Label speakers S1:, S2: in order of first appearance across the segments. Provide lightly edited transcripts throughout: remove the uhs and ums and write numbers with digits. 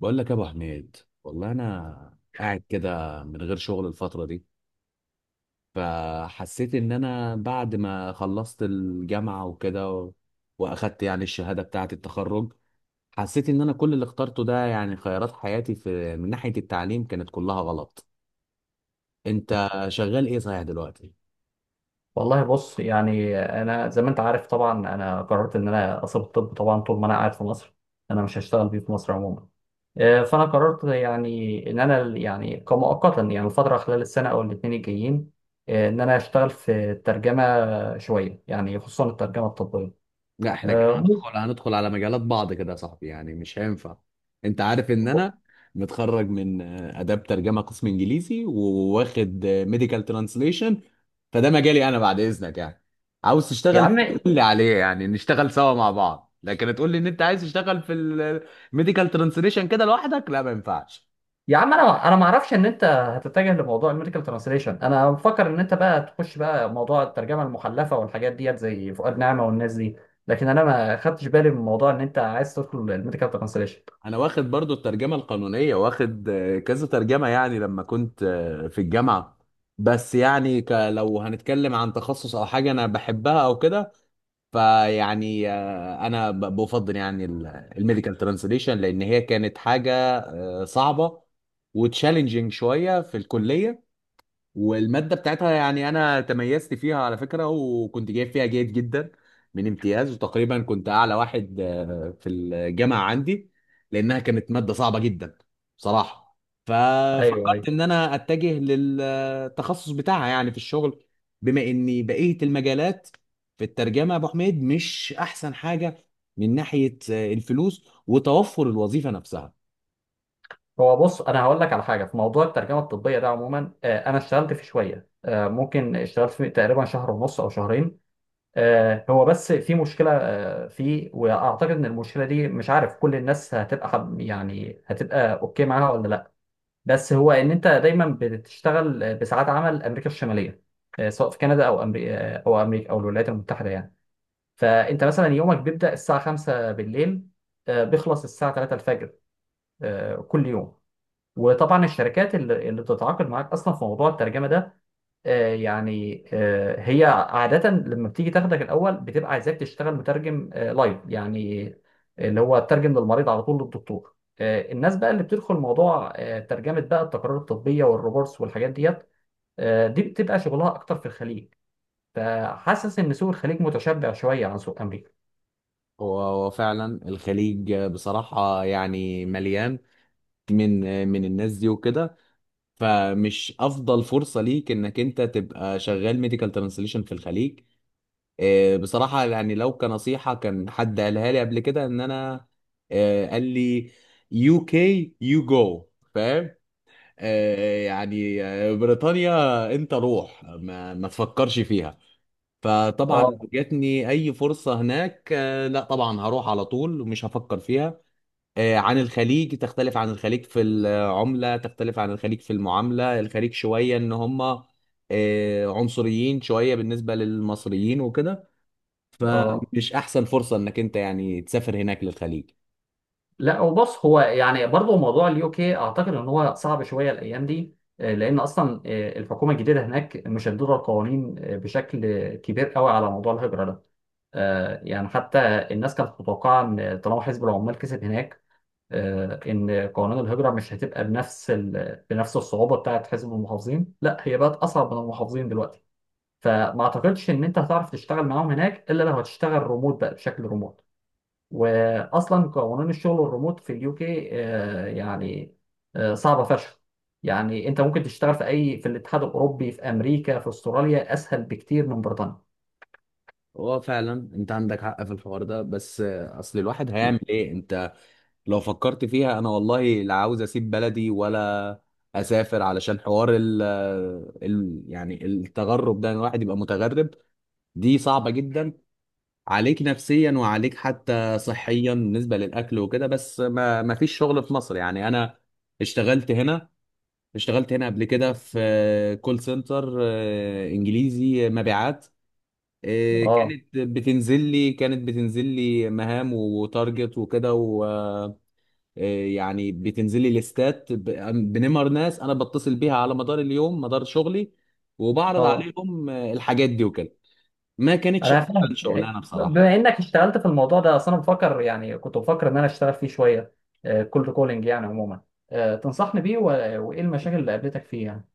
S1: بقول لك يا ابو حميد. والله انا قاعد كده من غير شغل الفتره دي. فحسيت ان انا بعد ما خلصت الجامعه وكده واخدت يعني الشهاده بتاعه التخرج. حسيت ان انا كل اللي اخترته ده يعني خيارات حياتي في من ناحيه التعليم كانت كلها غلط. انت شغال ايه صحيح دلوقتي؟
S2: والله بص يعني انا زي ما انت عارف طبعا انا قررت ان انا اسيب الطب طبعا طول ما انا قاعد في مصر، انا مش هشتغل بيه في مصر عموما. فانا قررت يعني ان انا يعني كمؤقتا يعني الفتره خلال السنه او الاثنين الجايين، ان انا اشتغل في الترجمه شويه يعني خصوصا الترجمه الطبيه.
S1: لا احنا كده
S2: آه، ممكن-
S1: هندخل على مجالات بعض كده يا صاحبي، يعني مش هينفع. انت عارف ان انا متخرج من اداب ترجمه قسم انجليزي وواخد ميديكال ترانسليشن. فده مجالي انا بعد اذنك يعني. عاوز
S2: يا
S1: تشتغل
S2: عم.
S1: فيه قول لي عليه يعني نشتغل سوا مع بعض، لكن تقول لي ان انت عايز تشتغل في الميديكال ترانسليشن كده لوحدك لا ما ينفعش.
S2: يا عم انا ما اعرفش ان انت هتتجه لموضوع الميديكال ترانسليشن، انا مفكر ان انت بقى تخش بقى موضوع الترجمه المحلفه والحاجات ديت زي فؤاد نعمه والناس دي، لكن انا ما خدتش بالي من موضوع ان انت عايز تدخل الميديكال ترانسليشن.
S1: انا واخد برضو الترجمه القانونيه، واخد كذا ترجمه يعني لما كنت في الجامعه. بس يعني لو هنتكلم عن تخصص او حاجه انا بحبها او كده، فيعني انا بفضل يعني الميديكال ترانسليشن لان هي كانت حاجه صعبه وتشالنجينج شويه في الكليه. والمادة بتاعتها يعني أنا تميزت فيها على فكرة، وكنت جايب فيها جيد جدا من امتياز، وتقريبا كنت أعلى واحد في الجامعة عندي، لأنها كانت مادة صعبة جدا بصراحة.
S2: ايوه،
S1: ففكرت
S2: ايوه.
S1: إن أنا أتجه للتخصص بتاعها يعني في الشغل، بما إني بقية المجالات في الترجمة يا أبو حميد مش أحسن حاجة من ناحية الفلوس وتوفر الوظيفة نفسها.
S2: هو بص، انا هقول لك على حاجه في موضوع الترجمه الطبيه ده عموما. انا اشتغلت فيه شويه، ممكن اشتغلت فيه تقريبا شهر ونص او شهرين. هو بس في مشكله فيه، واعتقد ان المشكله دي مش عارف كل الناس هتبقى هتبقى اوكي معاها ولا لا. بس هو ان انت دايما بتشتغل بساعات عمل امريكا الشماليه، سواء في كندا او امريكا او امريكا او الولايات المتحده يعني. فانت مثلا يومك بيبدا الساعه 5 بالليل، بيخلص الساعه 3 الفجر، كل يوم. وطبعا الشركات اللي بتتعاقد معاك اصلا في موضوع الترجمه ده، هي عادة لما بتيجي تاخدك الأول بتبقى عايزاك تشتغل مترجم لايف يعني، اللي هو ترجم للمريض على طول للدكتور. الناس بقى اللي بتدخل موضوع ترجمة بقى التقارير الطبية والروبورتس والحاجات ديت، دي بتبقى شغلها أكتر في الخليج. فحاسس إن سوق الخليج متشبع شوية عن سوق أمريكا.
S1: هو هو فعلا الخليج بصراحة يعني مليان من الناس دي وكده. فمش افضل فرصه ليك انك انت تبقى شغال ميديكال ترانسليشن في الخليج. بصراحه يعني لو كنصيحه كان حد قالها لي قبل كده ان انا، قال لي يو كي يو جو، فاهم؟ بريطانيا. انت روح ما تفكرش فيها. فطبعا
S2: اه.
S1: جاتني اي فرصه هناك لا طبعا هروح على طول ومش هفكر فيها. عن الخليج، تختلف عن الخليج في العملة، تختلف عن الخليج في المعاملة. الخليج شوية ان هم عنصريين شوية بالنسبة للمصريين وكده.
S2: اه.
S1: فمش احسن فرصة انك انت يعني تسافر هناك للخليج.
S2: لا، هو بص، هو يعني برضه موضوع اليو كي اعتقد ان هو صعب شويه الايام دي، لان اصلا الحكومه الجديده هناك مشدده القوانين بشكل كبير قوي على موضوع الهجره ده. يعني حتى الناس كانت متوقعه ان طالما حزب العمال كسب هناك، ان قوانين الهجره مش هتبقى بنفس بنفس الصعوبه بتاعت حزب المحافظين، لا هي بقت اصعب من المحافظين دلوقتي. فما اعتقدش ان انت هتعرف تشتغل معاهم هناك الا لو هتشتغل ريموت بقى، بشكل ريموت. واصلا قوانين الشغل الريموت في اليو كي صعبه فشخ. يعني انت ممكن تشتغل في اي في الاتحاد الاوروبي في امريكا في استراليا اسهل بكتير من بريطانيا.
S1: هو فعلا انت عندك حق في الحوار ده، بس اصل الواحد هيعمل ايه؟ انت لو فكرت فيها انا والله لا عاوز اسيب بلدي، ولا اسافر علشان حوار ال يعني التغرب ده، إن الواحد يبقى متغرب دي صعبة جدا عليك نفسيا وعليك حتى صحيا بالنسبة للأكل وكده. بس ما فيش شغل في مصر يعني. أنا اشتغلت هنا، اشتغلت هنا قبل كده في كول سنتر إنجليزي، مبيعات.
S2: اه.
S1: كانت بتنزل لي مهام وتارجت وكده. ويعني بتنزل لي ليستات بنمر ناس أنا بتصل بيها على مدار اليوم مدار شغلي، وبعرض
S2: اه.
S1: عليهم الحاجات دي وكده. ما كانتش
S2: انا
S1: أحسن
S2: فاهم.
S1: شغلانة بصراحة.
S2: بما انك اشتغلت في الموضوع ده، اصل انا بفكر، يعني كنت بفكر ان انا اشتغل فيه شويه، كولد كولينج يعني عموما. تنصحني وايه المشاكل اللي قابلتك فيه يعني؟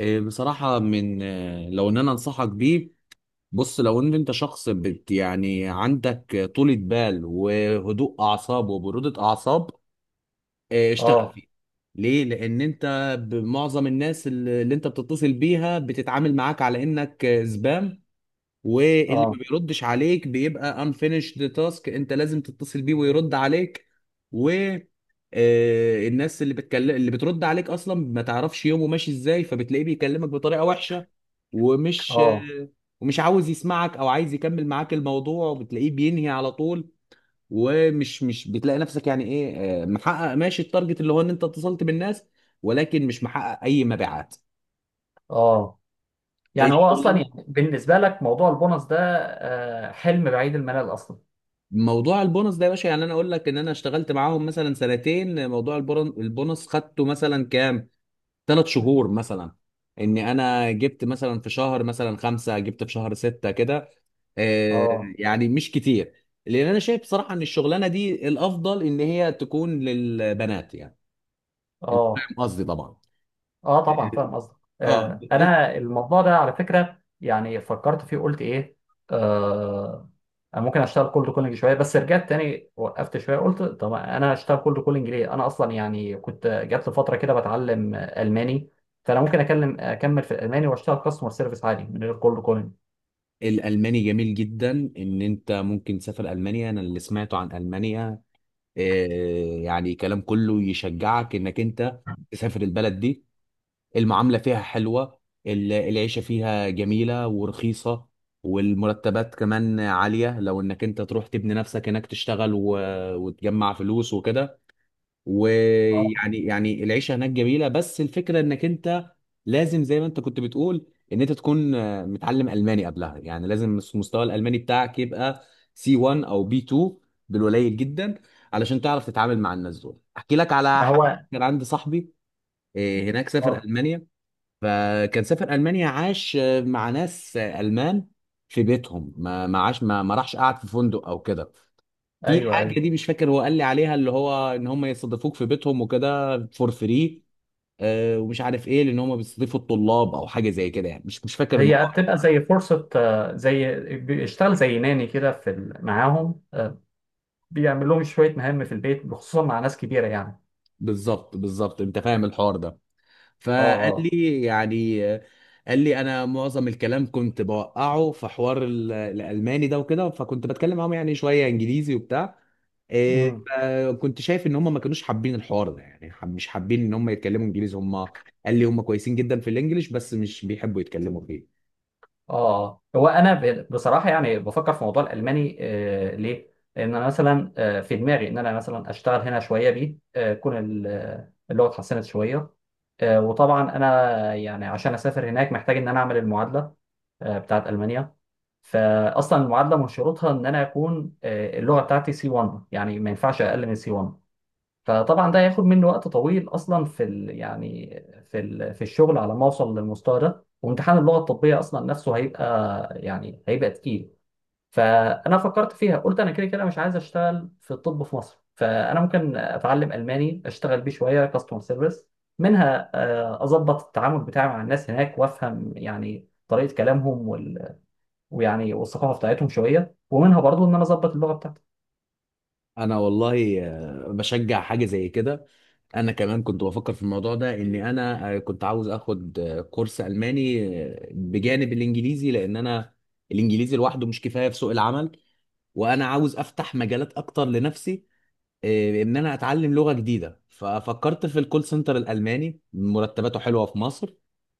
S1: بصراحة من لو ان انا انصحك بيه، بص لو ان انت شخص بت يعني عندك طولة بال وهدوء اعصاب وبرودة اعصاب اشتغل
S2: اه.
S1: فيه. ليه؟ لان انت معظم الناس اللي انت بتتصل بيها بتتعامل معاك على انك زبام. واللي ما
S2: اه.
S1: بيردش عليك بيبقى unfinished task، انت لازم تتصل بيه ويرد عليك. و الناس اللي بتكلم اللي بترد عليك اصلا ما تعرفش يومه ماشي ازاي، فبتلاقيه بيكلمك بطريقة وحشة ومش
S2: اه.
S1: آه، ومش عاوز يسمعك او عايز يكمل معاك الموضوع وبتلاقيه بينهي على طول. ومش مش بتلاقي نفسك يعني ايه محقق ماشي التارجت اللي هو ان انت اتصلت بالناس، ولكن مش محقق اي مبيعات.
S2: اه. يعني هو اصلا
S1: الشغلانه
S2: يعني بالنسبه لك موضوع البونص ده حلم بعيد المنال اصلا.
S1: موضوع البونص ده يا باشا، يعني انا اقول لك ان انا اشتغلت معاهم مثلا سنتين، موضوع البونص خدته مثلا كام؟ ثلاث شهور مثلا. اني انا جبت مثلا في شهر مثلا خمسة، جبت في شهر ستة كده. آه،
S2: اه.
S1: يعني مش كتير. لان انا شايف بصراحة ان الشغلانة دي الافضل ان هي تكون للبنات يعني. انت
S2: اه.
S1: فاهم قصدي طبعا.
S2: اه طبعا فاهم قصدك.
S1: اه
S2: آه،
S1: بس
S2: انا الموضوع ده على فكره يعني فكرت فيه قلت ايه، آه أنا ممكن اشتغل كولد كولينج شويه، بس رجعت تاني وقفت شويه قلت طب انا اشتغل كولد كولينج ليه، انا اصلا يعني كنت جات لي فتره كده بتعلم الماني. فانا ممكن اكمل في الالماني واشتغل كاستمر سيرفيس عادي من غير كولد كولينج.
S1: الالماني جميل جدا. ان انت ممكن تسافر المانيا. انا اللي سمعته عن المانيا يعني كلام كله يشجعك انك انت تسافر البلد دي. المعامله فيها حلوه. العيشه فيها جميله ورخيصه. والمرتبات كمان عاليه لو انك انت تروح تبني نفسك هناك، تشتغل وتجمع فلوس وكده.
S2: اه.
S1: يعني العيشه هناك جميله، بس الفكره انك انت لازم زي ما انت كنت بتقول ان انت تكون متعلم الماني قبلها، يعني لازم مستوى الالماني بتاعك يبقى سي 1 او بي 2 بالقليل جدا علشان تعرف تتعامل مع الناس دول. احكي لك على
S2: ما
S1: حاجه:
S2: هو.
S1: كان عندي صاحبي هناك، سافر
S2: اه.
S1: المانيا. فكان سافر المانيا، عاش مع ناس المان في بيتهم، ما عاش ما راحش قعد في فندق او كده. في
S2: ايوه
S1: حاجه
S2: ايوه،
S1: دي مش فاكر هو قال لي عليها، اللي هو ان هم يستضيفوك في بيتهم وكده فور فري، ومش عارف ايه، لان هم بيستضيفوا الطلاب او حاجه زي كده يعني. مش فاكر
S2: هي
S1: الموضوع
S2: بتبقى زي فرصه، زي بيشتغل زي ناني كده معاهم، بيعمل لهم شويه مهام في البيت خصوصا مع ناس كبيره يعني.
S1: بالظبط بالظبط. انت فاهم الحوار ده.
S2: اه.
S1: فقال
S2: اه.
S1: لي يعني قال لي انا معظم الكلام كنت بوقعه في حوار الالماني ده وكده، فكنت بتكلم معاهم يعني شويه انجليزي وبتاع إيه،
S2: امم.
S1: فكنت شايف ان هم ما كانوش حابين الحوار ده، يعني مش حابين ان هم يتكلموا انجليزي هم. قال لي هم كويسين جدا في الانجليش بس مش بيحبوا يتكلموا فيه.
S2: اه. آه. بصراحه يعني بفكر في موضوع الالماني. آه ليه؟ لان انا مثلا آه في دماغي ان انا مثلا اشتغل هنا شويه بيه، آه اللغه اتحسنت شويه. آه، وطبعا انا يعني عشان اسافر هناك محتاج ان انا اعمل المعادله آه بتاعت المانيا. فاصلا المعادله من شروطها ان انا اكون آه اللغه بتاعتي سي 1، يعني ما ينفعش اقل من سي 1. فطبعا ده هياخد مني وقت طويل اصلا في ال يعني في ال في الشغل على ما اوصل للمستوى ده، وامتحان اللغه الطبيه اصلا نفسه هيبقى يعني هيبقى تقيل. فانا فكرت فيها قلت انا كده كده مش عايز اشتغل في الطب في مصر، فانا ممكن اتعلم الماني اشتغل بيه شويه كاستمر سيرفيس، منها اظبط التعامل بتاعي مع الناس هناك وافهم يعني طريقه كلامهم وال... ويعني والثقافه بتاعتهم شويه، ومنها برضو ان انا اظبط اللغه بتاعتي.
S1: انا والله بشجع حاجه زي كده. انا كمان كنت بفكر في الموضوع ده ان انا كنت عاوز اخد كورس الماني بجانب الانجليزي، لان انا الانجليزي لوحده مش كفايه في سوق العمل، وانا عاوز افتح مجالات اكتر لنفسي ان انا اتعلم لغه جديده. ففكرت في الكول سنتر الالماني، مرتباته حلوه في مصر،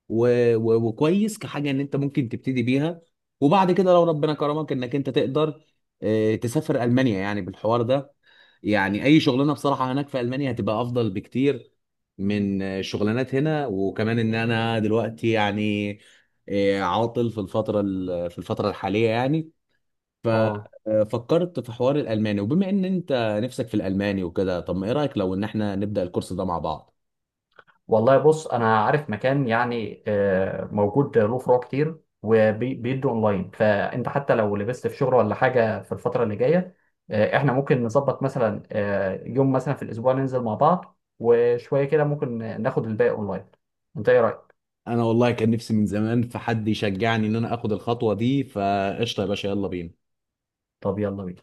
S1: و... وكويس كحاجه ان انت ممكن تبتدي بيها، وبعد كده لو ربنا كرمك انك انت تقدر تسافر المانيا يعني بالحوار ده. يعني اي شغلانه بصراحه هناك في المانيا هتبقى افضل بكتير من شغلانات هنا. وكمان ان انا دلوقتي يعني عاطل في في الفتره الحاليه يعني.
S2: اه.
S1: ففكرت في حوار الالماني، وبما ان انت نفسك في الالماني وكده، طب ما ايه رايك لو ان احنا نبدا الكورس ده مع بعض؟
S2: والله بص انا عارف مكان يعني موجود له فروع كتير وبيدوا اونلاين، فانت حتى لو لبست في شغل ولا حاجه في الفتره اللي جايه، احنا ممكن نظبط مثلا يوم مثلا في الاسبوع ننزل مع بعض، وشويه كده ممكن ناخد الباقي اونلاين. انت ايه رايك؟
S1: انا والله كان نفسي من زمان في حد يشجعني ان انا اخد الخطوه دي، فقشطه يا باشا يلا بينا.
S2: طب يلا بينا.